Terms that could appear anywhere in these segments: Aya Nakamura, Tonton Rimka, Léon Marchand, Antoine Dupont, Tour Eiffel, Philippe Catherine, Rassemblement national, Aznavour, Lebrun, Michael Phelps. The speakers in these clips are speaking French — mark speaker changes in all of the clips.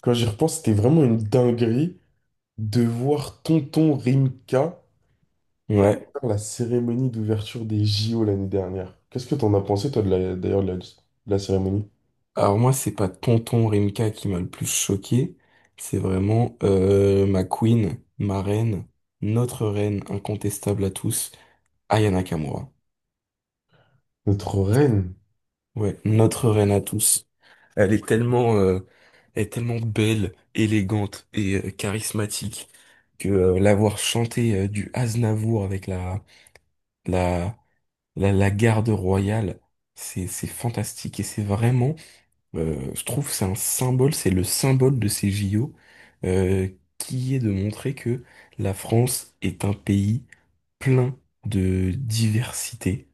Speaker 1: Quand j'y repense, c'était vraiment une dinguerie de voir Tonton Rimka
Speaker 2: Ouais.
Speaker 1: faire la cérémonie d'ouverture des JO l'année dernière. Qu'est-ce que t'en as pensé, toi, de la cérémonie?
Speaker 2: Alors moi, c'est pas Tonton Rimka qui m'a le plus choqué, c'est vraiment ma queen, ma reine, notre reine incontestable à tous, Aya Nakamura.
Speaker 1: Notre reine.
Speaker 2: Ouais, notre reine à tous. Elle est tellement, euh, elle est tellement belle, élégante et charismatique que l'avoir chanté du Aznavour avec la la garde royale, c'est fantastique et c'est vraiment. Je trouve que c'est un symbole, c'est le symbole de ces JO, euh, qui est de montrer que la France est un pays plein de diversité,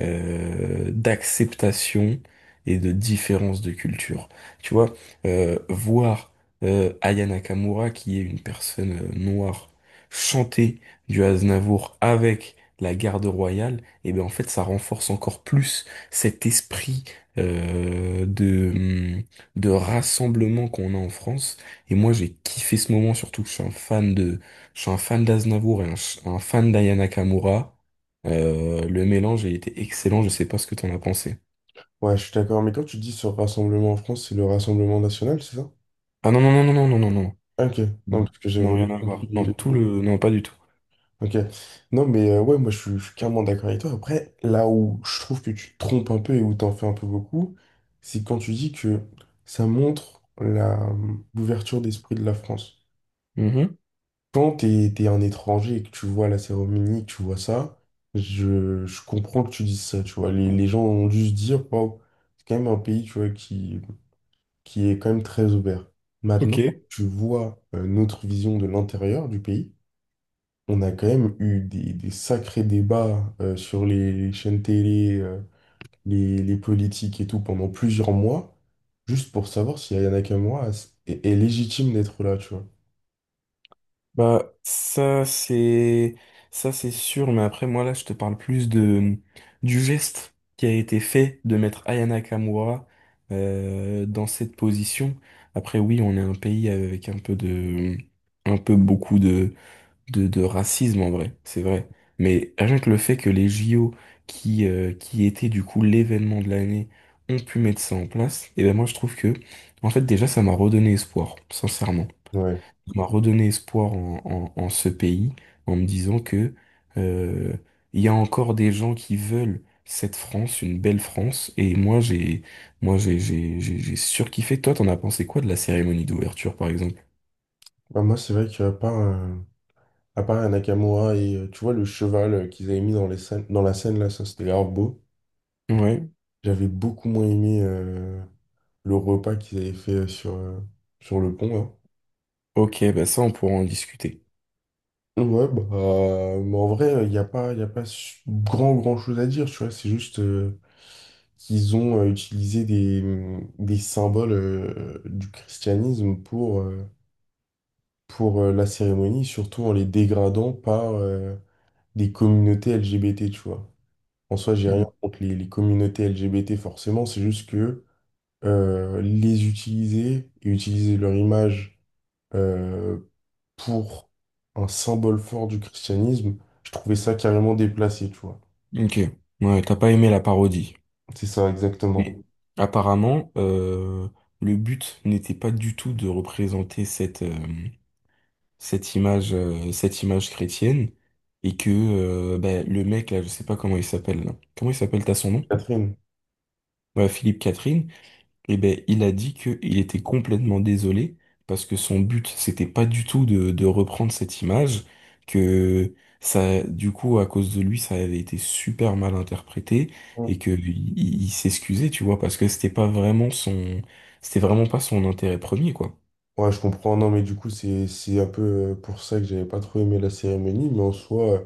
Speaker 2: d'acceptation et de différence de culture. Tu vois, voir Aya Nakamura, qui est une personne noire, chanter du Aznavour avec la garde royale, et bien en fait, ça renforce encore plus cet esprit euh, de, hum, de rassemblement qu'on a en France. Et moi, j'ai kiffé ce moment, surtout que je suis un fan je suis un fan d'Aznavour et un, un fan d'Aya Nakamura. Le mélange a été excellent, je sais pas ce que t'en as pensé.
Speaker 1: Ouais, je suis d'accord, mais quand tu dis ce rassemblement en France, c'est le Rassemblement national, c'est ça?
Speaker 2: Ah non, non, non, non, non, non, non, non.
Speaker 1: Ok, non,
Speaker 2: Non,
Speaker 1: parce que
Speaker 2: non,
Speaker 1: j'avais mal
Speaker 2: rien à
Speaker 1: compris
Speaker 2: voir.
Speaker 1: les
Speaker 2: Non,
Speaker 1: les
Speaker 2: tout
Speaker 1: mots.
Speaker 2: le... Non, pas du tout.
Speaker 1: Ok, non, mais ouais, moi, je suis carrément d'accord avec toi. Après, là où je trouve que tu te trompes un peu et où t'en fais un peu beaucoup, c'est quand tu dis que ça montre la l'ouverture d'esprit de la France.
Speaker 2: Mhm.
Speaker 1: Quand t'es un étranger et que tu vois la cérémonie, que tu vois ça, je comprends que tu dises ça, tu vois. Les gens ont dû se dire, wow, c'est quand même un pays, tu vois, qui est quand même très ouvert. Maintenant,
Speaker 2: Ok.
Speaker 1: quand tu vois notre vision de l'intérieur du pays, on a quand même eu des sacrés débats sur les chaînes télé, les politiques et tout pendant plusieurs mois, juste pour savoir si Ayana Kamura est légitime d'être là, tu vois.
Speaker 2: Bah, ça, c'est... Ça, c'est sûr, mais après, moi, là, je te parle plus de... du geste qui a été fait de mettre Ayana Kamura dans cette position. Après, oui, on est un pays avec un peu de... un peu beaucoup de racisme en vrai, c'est vrai. Mais rien que le fait que les JO, qui étaient du coup l'événement de l'année, ont pu mettre ça en place, et ben moi je trouve que, en fait déjà ça m'a redonné espoir, sincèrement.
Speaker 1: Ouais.
Speaker 2: Ça m'a redonné espoir en ce pays, en me disant que euh, il y a encore des gens qui veulent cette France, une belle France, et moi j'ai surkiffé. Toi, t'en as pensé quoi de la cérémonie d'ouverture par exemple?
Speaker 1: Bah, moi, c'est vrai qu'il n'y a pas un... À part un Nakamura et tu vois le cheval qu'ils avaient mis dans les scènes, dans la scène là, ça c'était grave beau.
Speaker 2: Ouais,
Speaker 1: J'avais beaucoup moins aimé le repas qu'ils avaient fait sur le pont
Speaker 2: ok, bah ça on pourra en discuter.
Speaker 1: là. Ouais, bah, mais en vrai, il n'y a pas, y a pas grand chose à dire, tu vois. C'est juste qu'ils ont utilisé des symboles du christianisme pour la cérémonie, surtout en les dégradant par des communautés LGBT, tu vois. En soi, j'ai rien contre les communautés LGBT forcément, c'est juste que les utiliser et utiliser leur image euh, pour un symbole fort du christianisme, je trouvais ça carrément déplacé, tu vois.
Speaker 2: Ok. Ouais, t'as pas aimé la parodie.
Speaker 1: C'est ça
Speaker 2: Mais
Speaker 1: exactement.
Speaker 2: apparemment, le but n'était pas du tout de représenter cette image chrétienne. Et que bah, le mec, là, je sais pas comment il s'appelle. Là. Comment il s'appelle, t'as son nom?
Speaker 1: Catherine.
Speaker 2: Ouais, Philippe Catherine. Eh ben, il a dit qu'il était complètement désolé parce que son but, c'était pas du tout de reprendre cette image, que ça, du coup, à cause de lui, ça avait été super mal interprété
Speaker 1: Mm.
Speaker 2: et que il s'excusait, tu vois, parce que c'était pas vraiment son, c'était vraiment pas son intérêt premier, quoi.
Speaker 1: Ouais, je comprends. Non, mais du coup, c'est un peu pour ça que j'avais pas trop aimé la cérémonie, mais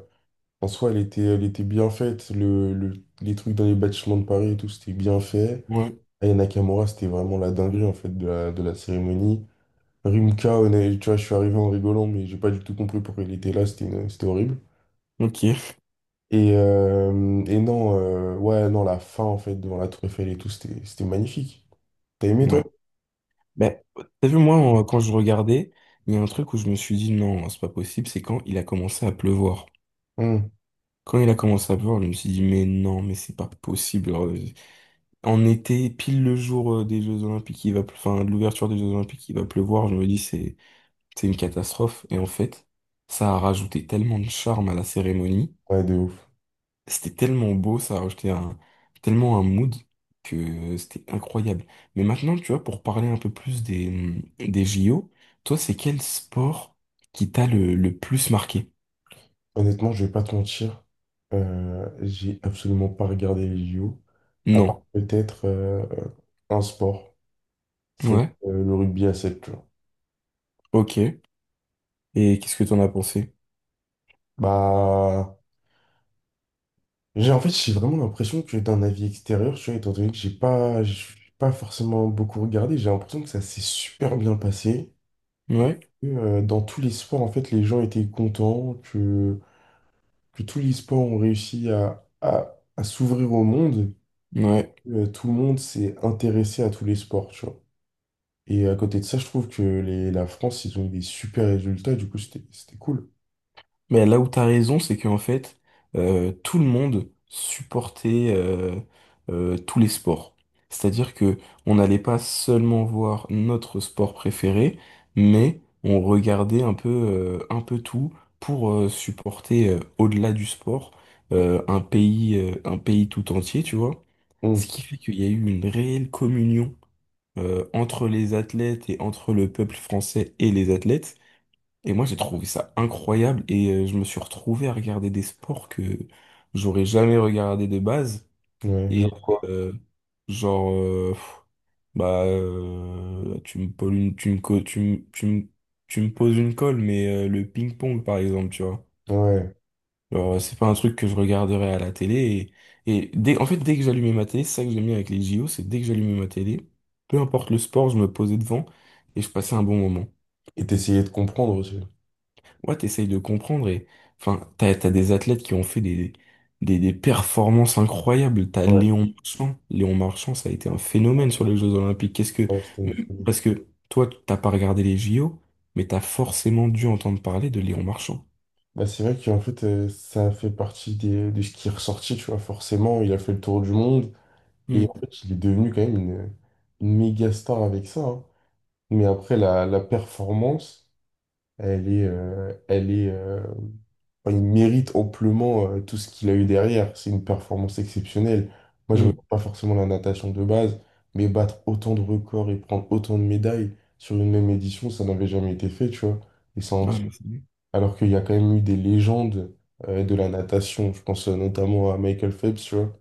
Speaker 1: en soi, elle était bien faite. Les trucs dans les bâtiments de Paris et tout, c'était bien fait.
Speaker 2: Ouais.
Speaker 1: Aya Nakamura, c'était vraiment la dinguerie en fait de de la cérémonie. Rimka, tu vois, je suis arrivé en rigolant, mais j'ai pas du tout compris pourquoi il était là, c'était horrible.
Speaker 2: Ok,
Speaker 1: Et non, ouais, non, la fin, en fait, devant la Tour Eiffel et tout, c'était magnifique. T'as aimé, toi?
Speaker 2: ouais. Ben, t'as vu, moi, quand je regardais, il y a un truc où je me suis dit, non, c'est pas possible, c'est quand il a commencé à pleuvoir.
Speaker 1: Hmm.
Speaker 2: Quand il a commencé à pleuvoir, je me suis dit, mais non, mais c'est pas possible. On était pile le jour des Jeux Olympiques, enfin, de l'ouverture des Jeux Olympiques, il va pleuvoir. Je me dis, c'est une catastrophe. Et en fait, ça a rajouté tellement de charme à la cérémonie.
Speaker 1: Ouais, de ouf.
Speaker 2: C'était tellement beau, ça a rajouté un, tellement un mood que c'était incroyable. Mais maintenant, tu vois, pour parler un peu plus des JO, toi, c'est quel sport qui t'a le plus marqué?
Speaker 1: Honnêtement, je vais pas te mentir, j'ai absolument pas regardé les JO, à part
Speaker 2: Non.
Speaker 1: peut-être un sport, c'est
Speaker 2: Ouais.
Speaker 1: le rugby à 7. Tu vois.
Speaker 2: Ok. Et qu'est-ce que t'en as pensé?
Speaker 1: Bah, j'ai vraiment l'impression que d'un avis extérieur, tu vois, étant donné que j'ai pas forcément beaucoup regardé, j'ai l'impression que ça s'est super bien passé. Et
Speaker 2: Ouais.
Speaker 1: que, dans tous les sports, en fait, les gens étaient contents, que tous les sports ont réussi à s'ouvrir au monde.
Speaker 2: Ouais.
Speaker 1: Tout le monde s'est intéressé à tous les sports, tu vois. Et à côté de ça, je trouve que la France, ils ont eu des super résultats, du coup, c'était cool.
Speaker 2: Mais là où t'as raison, c'est qu'en fait, tout le monde supportait tous les sports. C'est-à-dire que on n'allait pas seulement voir notre sport préféré, mais on regardait un peu tout pour supporter au-delà du sport un pays tout entier, tu vois. Ce
Speaker 1: Hum.
Speaker 2: qui fait qu'il y a eu une réelle communion entre les athlètes et entre le peuple français et les athlètes. Et moi, j'ai trouvé ça incroyable et je me suis retrouvé à regarder des sports que j'aurais jamais regardé de base.
Speaker 1: Ouais,
Speaker 2: Et
Speaker 1: genre quoi?
Speaker 2: euh, genre, euh, pff, tu me poses une, tu me, co- tu me, tu me, tu me poses une colle, mais le ping-pong, par exemple, tu vois.
Speaker 1: Ouais.
Speaker 2: Genre, c'est pas un truc que je regarderais à la télé. Et, dès que j'allumais ma télé, c'est ça que j'aime bien avec les JO, c'est dès que j'allumais ma télé, peu importe le sport, je me posais devant et je passais un bon moment.
Speaker 1: Et d'essayer de comprendre aussi.
Speaker 2: Ouais, t'essayes de comprendre et enfin, t'as des athlètes qui ont fait des performances incroyables. T'as
Speaker 1: Ouais,
Speaker 2: Léon Marchand. Léon Marchand, ça a été un phénomène sur les Jeux Olympiques. Qu'est-ce que.
Speaker 1: ouais, c'était une folie.
Speaker 2: Parce que toi, t'as pas regardé les JO, mais t'as forcément dû entendre parler de Léon Marchand.
Speaker 1: Bah, c'est vrai qu'en fait, ça fait partie de ce qui est ressorti, tu vois. Forcément, il a fait le tour du monde et
Speaker 2: Hmm,
Speaker 1: en fait, il est devenu quand même une méga star avec ça, hein. Mais après, la performance, elle est, enfin, il mérite amplement tout ce qu'il a eu derrière. C'est une performance exceptionnelle. Moi, je ne regarde
Speaker 2: hmm.
Speaker 1: pas forcément la natation de base, mais battre autant de records et prendre autant de médailles sur une même édition, ça n'avait jamais été fait, tu vois. Et ça en
Speaker 2: Ouais,
Speaker 1: dit
Speaker 2: mais c'est lui.
Speaker 1: alors qu'il y a quand même eu des légendes de la natation. Je pense notamment à Michael Phelps, tu vois.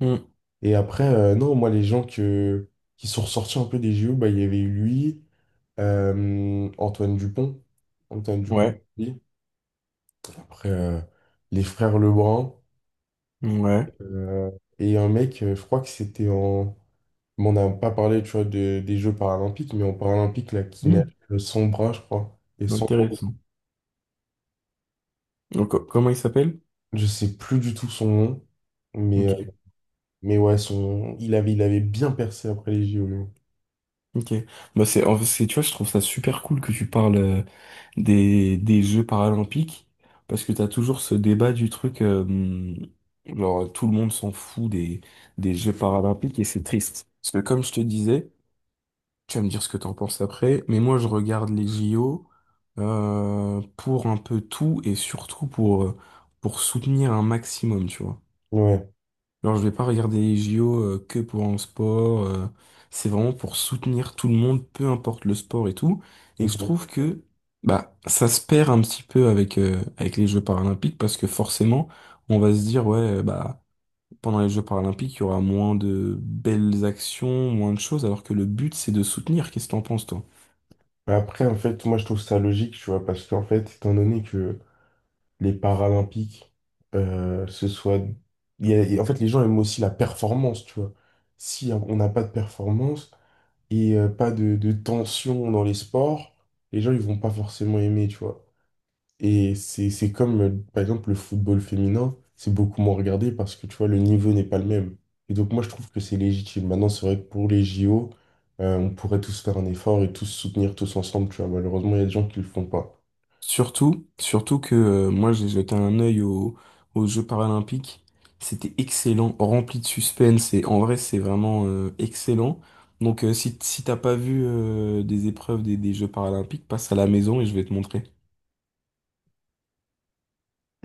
Speaker 2: Hmm,
Speaker 1: Et après, non, moi, qui sont ressortis un peu des JO, bah, il y avait eu lui, Antoine Dupont. Antoine Dupont,
Speaker 2: ouais,
Speaker 1: oui. Après, les frères Lebrun.
Speaker 2: ouais.
Speaker 1: euh, et un mec, je crois que c'était en... Bon, on n'a pas parlé, tu vois, des Jeux paralympiques, mais en paralympique, là, qui nage
Speaker 2: Hmm,
Speaker 1: sans bras, je crois. Et sans...
Speaker 2: intéressant. Donc, comment il s'appelle?
Speaker 1: Je sais plus du tout son nom, mais...
Speaker 2: Ok.
Speaker 1: Mais ouais, son... il avait bien percé après les JO, lui.
Speaker 2: Ok. Bah c'est, en fait, tu vois, je trouve ça super cool que tu parles des Jeux paralympiques parce que t'as toujours ce débat du truc, genre tout le monde s'en fout des Jeux paralympiques et c'est triste. Parce que comme je te disais, tu vas me dire ce que t'en penses après, mais moi je regarde les JO pour un peu tout et surtout pour soutenir un maximum, tu vois.
Speaker 1: Ouais.
Speaker 2: Alors, je vais pas regarder les JO que pour un sport. C'est vraiment pour soutenir tout le monde, peu importe le sport et tout. Et je
Speaker 1: Ok.
Speaker 2: trouve que bah ça se perd un petit peu avec avec les Jeux paralympiques parce que forcément, on va se dire ouais bah pendant les Jeux paralympiques, il y aura moins de belles actions, moins de choses, alors que le but c'est de soutenir. Qu'est-ce que t'en penses toi?
Speaker 1: Bah après, en fait, moi, je trouve ça logique, tu vois, parce qu'en fait, étant donné que les Paralympiques, ce soit... il y a- et en fait, les gens aiment aussi la performance, tu vois. Si on n'a pas de performance et pas de tension dans les sports, les gens, ils vont pas forcément aimer, tu vois. Et c'est comme, par exemple, le football féminin, c'est beaucoup moins regardé parce que, tu vois, le niveau n'est pas le même. Et donc, moi, je trouve que c'est légitime. Maintenant, c'est vrai que pour les JO, on pourrait tous faire un effort et tous se soutenir tous ensemble, tu vois. Malheureusement, il y a des gens qui le font pas.
Speaker 2: Surtout, surtout que moi j'ai jeté un œil aux Jeux paralympiques. C'était excellent, rempli de suspense et en vrai c'est vraiment excellent. Donc si t'as pas vu des épreuves des Jeux paralympiques, passe à la maison et je vais te montrer.